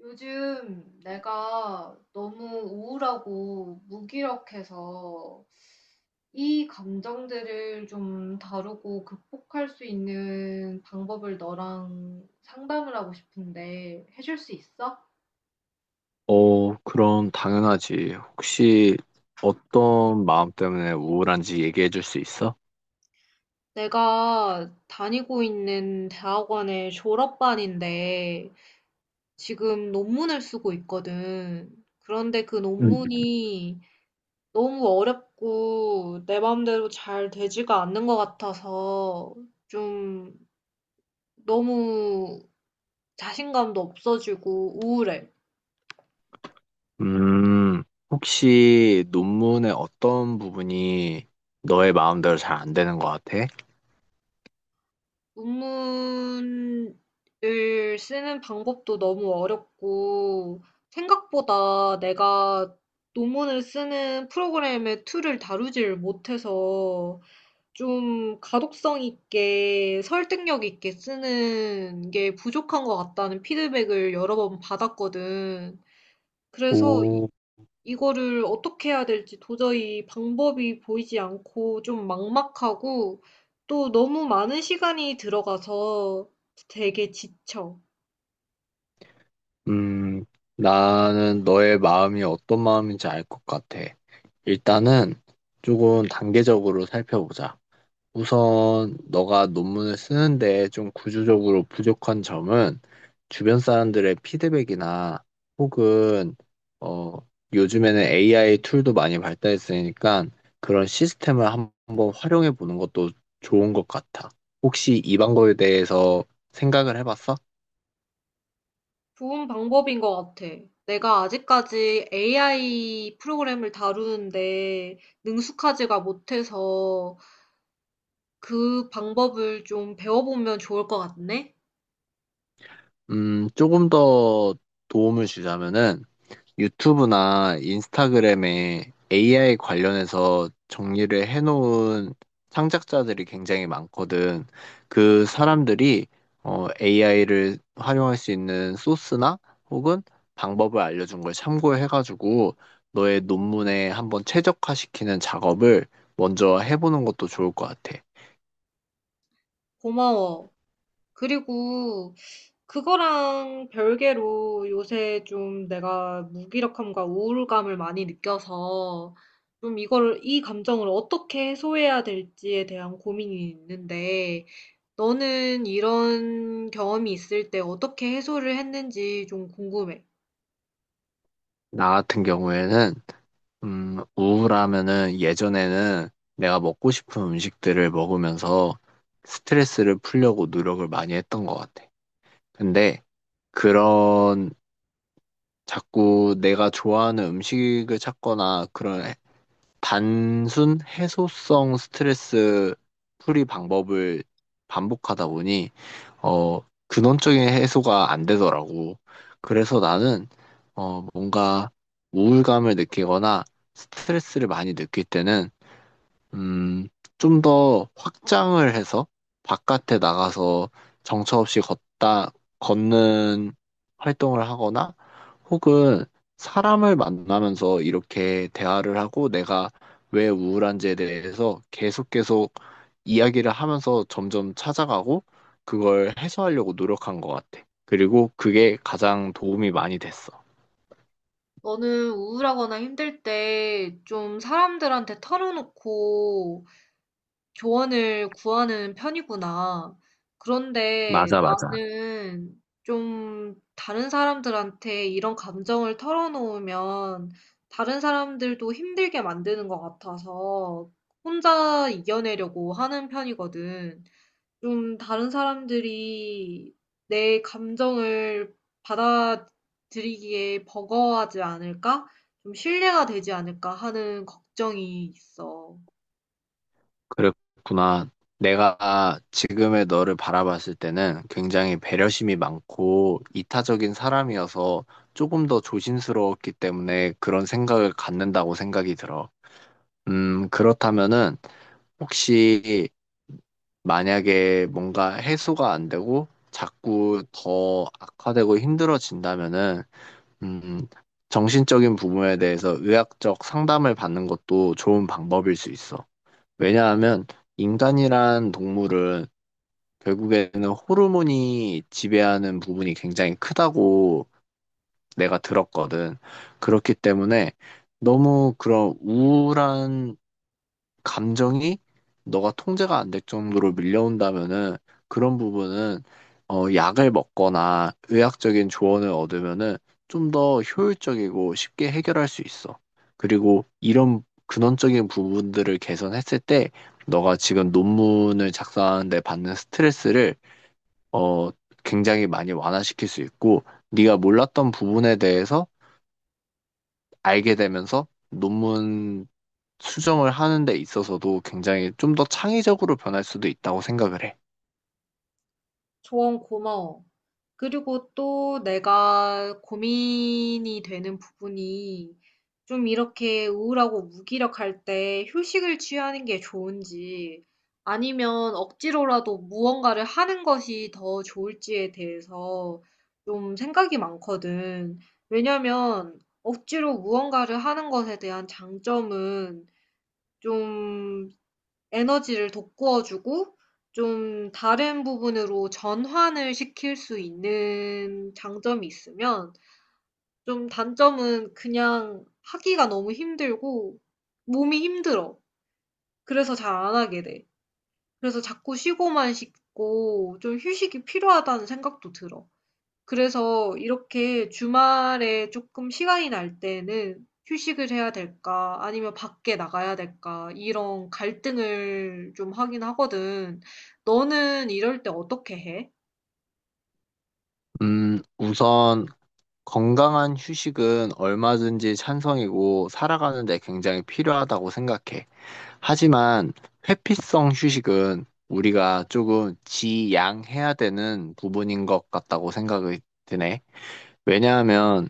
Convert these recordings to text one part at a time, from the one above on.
요즘 내가 너무 우울하고 무기력해서 이 감정들을 좀 다루고 극복할 수 있는 방법을 너랑 상담을 하고 싶은데 해줄 수 있어? 어, 그럼 당연하지. 혹시 어떤 마음 때문에 우울한지 얘기해 줄 수 있어? 내가 다니고 있는 대학원의 졸업반인데 지금 논문을 쓰고 있거든. 그런데 음. 논문이 너무 어렵고 내 마음대로 잘 되지가 않는 것 같아서 좀 너무 자신감도 없어지고 우울해. 음, 혹시 논문의 어떤 부분이 너의 마음대로 잘 안 되는 것 같아? 논문을 쓰는 방법도 너무 어렵고 생각보다 내가 논문을 쓰는 프로그램의 툴을 다루질 못해서 좀 가독성 있게 설득력 있게 쓰는 게 부족한 것 같다는 피드백을 여러 번 받았거든. 그래서 이, 오. 이거를 어떻게 해야 될지 도저히 방법이 보이지 않고 좀 막막하고 또 너무 많은 시간이 들어가서 되게 지쳐. 음, 나는 너의 마음이 어떤 마음인지 알 것 같아. 일단은 조금 단계적으로 살펴보자. 우선 너가 논문을 쓰는데 좀 구조적으로 부족한 점은 주변 사람들의 피드백이나 혹은 어 요즘에는 AI 툴도 많이 발달했으니까 그런 시스템을 한번 활용해 보는 것도 좋은 것 같아. 혹시 이 방법에 대해서 생각을 해봤어? 좋은 방법인 것 같아. 내가 아직까지 AI 프로그램을 다루는데 능숙하지가 못해서 그 방법을 좀 배워보면 좋을 것 같네? 조금 더 도움을 주자면은 유튜브나 인스타그램에 AI 관련해서 정리를 해놓은 창작자들이 굉장히 많거든. 그 사람들이 AI를 활용할 수 있는 소스나 혹은 방법을 알려준 걸 참고해가지고 너의 논문에 한번 최적화시키는 작업을 먼저 해보는 것도 좋을 것 같아. 고마워. 그리고 그거랑 별개로 요새 좀 내가 무기력함과 우울감을 많이 느껴서 좀 이걸 이 감정을 어떻게 해소해야 될지에 대한 고민이 있는데, 너는 이런 경험이 있을 때 어떻게 해소를 했는지 좀 궁금해. 나 같은 경우에는 우울하면은 예전에는 내가 먹고 싶은 음식들을 먹으면서 스트레스를 풀려고 노력을 많이 했던 것 같아. 근데 그런 자꾸 내가 좋아하는 음식을 찾거나 단순 해소성 스트레스 풀이 방법을 반복하다 보니, 어, 근원적인 해소가 안 되더라고. 그래서 나는, 뭔가 우울감을 느끼거나 스트레스를 많이 느낄 때는 음, 좀 더 확장을 해서 바깥에 나가서 정처 없이 걷다, 걷는 활동을 하거나 혹은 사람을 만나면서 이렇게 대화를 하고 내가 왜 우울한지에 대해서 계속 계속 이야기를 하면서 점점 찾아가고 그걸 해소하려고 노력한 것 같아. 그리고 그게 가장 도움이 많이 됐어. 너는 우울하거나 힘들 때 좀 사람들한테 털어놓고 조언을 구하는 편이구나. 그런데 맞아, 맞아. 나는 좀 다른 사람들한테 이런 감정을 털어놓으면 다른 사람들도 힘들게 만드는 것 같아서 혼자 이겨내려고 하는 편이거든. 좀 다른 사람들이 내 감정을 받아들이기에 버거워하지 않을까? 좀 신뢰가 되지 않을까 하는 걱정이 있어. 그랬구나. 내가 지금의 너를 바라봤을 때는 굉장히 배려심이 많고 이타적인 사람이어서 조금 더 조심스러웠기 때문에 그런 생각을 갖는다고 생각이 들어. 그렇다면은 혹시 만약에 뭔가 해소가 안 되고 자꾸 더 악화되고 힘들어진다면은, 음, 정신적인 부분에 대해서 의학적 상담을 받는 것도 좋은 방법일 수 있어. 왜냐하면 인간이란 동물은 결국에는 호르몬이 지배하는 부분이 굉장히 크다고 내가 들었거든. 그렇기 때문에 너무 그런 우울한 감정이 너가 통제가 안 될 정도로 밀려온다면은 그런 부분은 약을 먹거나 의학적인 조언을 얻으면은 좀 더 효율적이고 쉽게 해결할 수 있어. 그리고 이런 근원적인 부분들을 개선했을 때 너가 지금 논문을 작성하는데 받는 스트레스를 어, 굉장히 많이 완화시킬 수 있고 네가 몰랐던 부분에 대해서 알게 되면서 논문 수정을 하는 데 있어서도 굉장히 좀 더 창의적으로 변할 수도 있다고 생각을 해. 조언 고마워. 그리고 또 내가 고민이 되는 부분이 좀 이렇게 우울하고 무기력할 때 휴식을 취하는 게 좋은지 아니면 억지로라도 무언가를 하는 것이 더 좋을지에 대해서 좀 생각이 많거든. 왜냐면 억지로 무언가를 하는 것에 대한 장점은 좀 에너지를 돋구어 주고 좀 다른 부분으로 전환을 시킬 수 있는 장점이 있으면 좀 단점은 그냥 하기가 너무 힘들고 몸이 힘들어. 그래서 잘 안 하게 돼. 그래서 자꾸 쉬고만 싶고 좀 휴식이 필요하다는 생각도 들어. 그래서 이렇게 주말에 조금 시간이 날 때는 '휴식을 해야 될까? 아니면 밖에 나가야 될까?' 이런 갈등을 좀 하긴 하거든. 너는 이럴 때 어떻게 해? 우선 건강한 휴식은 얼마든지 찬성이고 살아가는 데 굉장히 필요하다고 생각해. 하지만 회피성 휴식은 우리가 조금 지양해야 되는 부분인 것 같다고 생각이 드네. 왜냐하면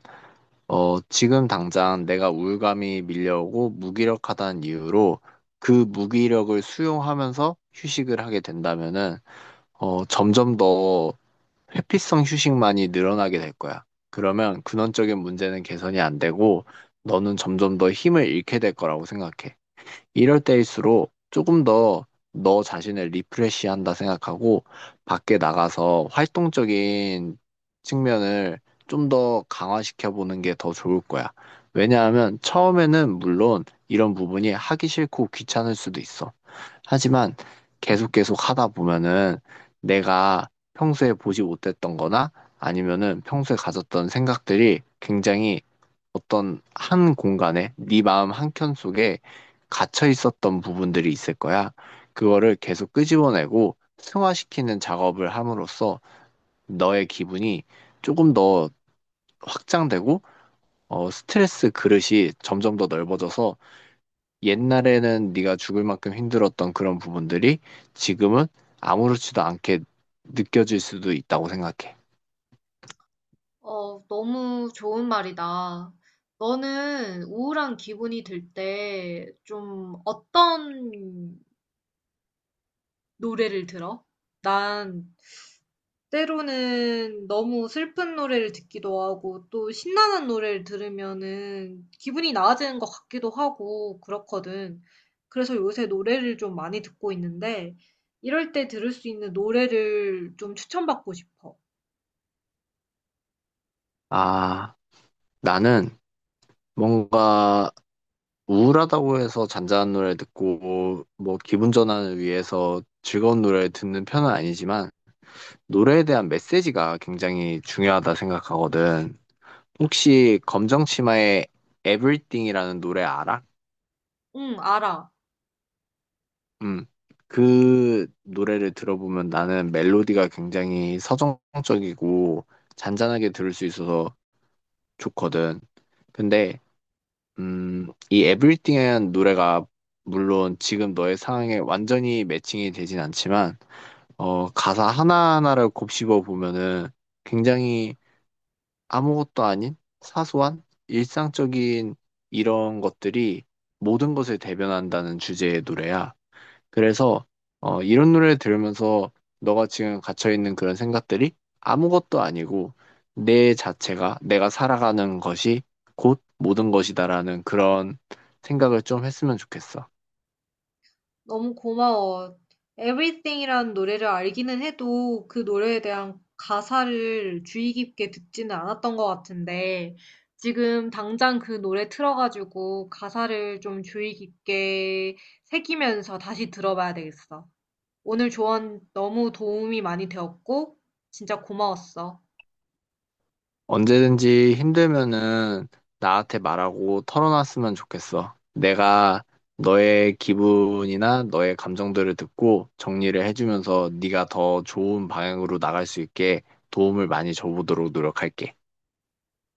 지금 당장 내가 우울감이 밀려오고 무기력하다는 이유로 그 무기력을 수용하면서 휴식을 하게 된다면은, 점점 더 회피성 휴식만이 늘어나게 될 거야. 그러면 근원적인 문제는 개선이 안 되고, 너는 점점 더 힘을 잃게 될 거라고 생각해. 이럴 때일수록 조금 더 너 자신을 리프레시한다 생각하고 밖에 나가서 활동적인 측면을 좀 더 강화시켜 보는 게 더 좋을 거야. 왜냐하면 처음에는 물론 이런 부분이 하기 싫고 귀찮을 수도 있어. 하지만 계속 계속 하다 보면은 내가 평소에 보지 못했던 거나 아니면은 평소에 가졌던 생각들이 굉장히 어떤 한 공간에 네 마음 한 켠 속에 갇혀 있었던 부분들이 있을 거야. 그거를 계속 끄집어내고 승화시키는 작업을 함으로써 너의 기분이 조금 더 확장되고 스트레스 그릇이 점점 더 넓어져서 옛날에는 네가 죽을 만큼 힘들었던 그런 부분들이 지금은 아무렇지도 않게 느껴질 수도 있다고 생각해. 너무 좋은 말이다. 너는 우울한 기분이 들 때 좀 어떤 노래를 들어? 난 때로는 너무 슬픈 노래를 듣기도 하고 또 신나는 노래를 들으면은 기분이 나아지는 것 같기도 하고 그렇거든. 그래서 요새 노래를 좀 많이 듣고 있는데 이럴 때 들을 수 있는 노래를 좀 추천받고 싶어. 아, 나는 뭔가 우울하다고 해서 잔잔한 노래 듣고 뭐 기분 전환을 위해서 즐거운 노래 듣는 편은 아니지만 노래에 대한 메시지가 굉장히 중요하다 생각하거든. 혹시 검정치마의 Everything이라는 노래 알아? 응, 알아. 음. 그 노래를 들어보면 나는 멜로디가 굉장히 서정적이고 잔잔하게 들을 수 있어서 좋거든. 근데 이 Everything이라는 노래가 물론 지금 너의 상황에 완전히 매칭이 되진 않지만 가사 하나하나를 곱씹어 보면은 굉장히 아무것도 아닌 사소한 일상적인 이런 것들이 모든 것을 대변한다는 주제의 노래야. 그래서 이런 노래를 들으면서 너가 지금 갇혀있는 그런 생각들이 아무것도 아니고 내 자체가 내가 살아가는 것이 곧 모든 것이다라는 그런 생각을 좀 했으면 좋겠어. 너무 고마워. Everything이라는 노래를 알기는 해도 그 노래에 대한 가사를 주의 깊게 듣지는 않았던 것 같은데 지금 당장 그 노래 틀어가지고 가사를 좀 주의 깊게 새기면서 다시 들어봐야 되겠어. 오늘 조언 너무 도움이 많이 되었고 진짜 고마웠어. 언제든지 힘들면은 나한테 말하고 털어놨으면 좋겠어. 내가 너의 기분이나 너의 감정들을 듣고 정리를 해주면서 네가 더 좋은 방향으로 나갈 수 있게 도움을 많이 줘보도록 노력할게.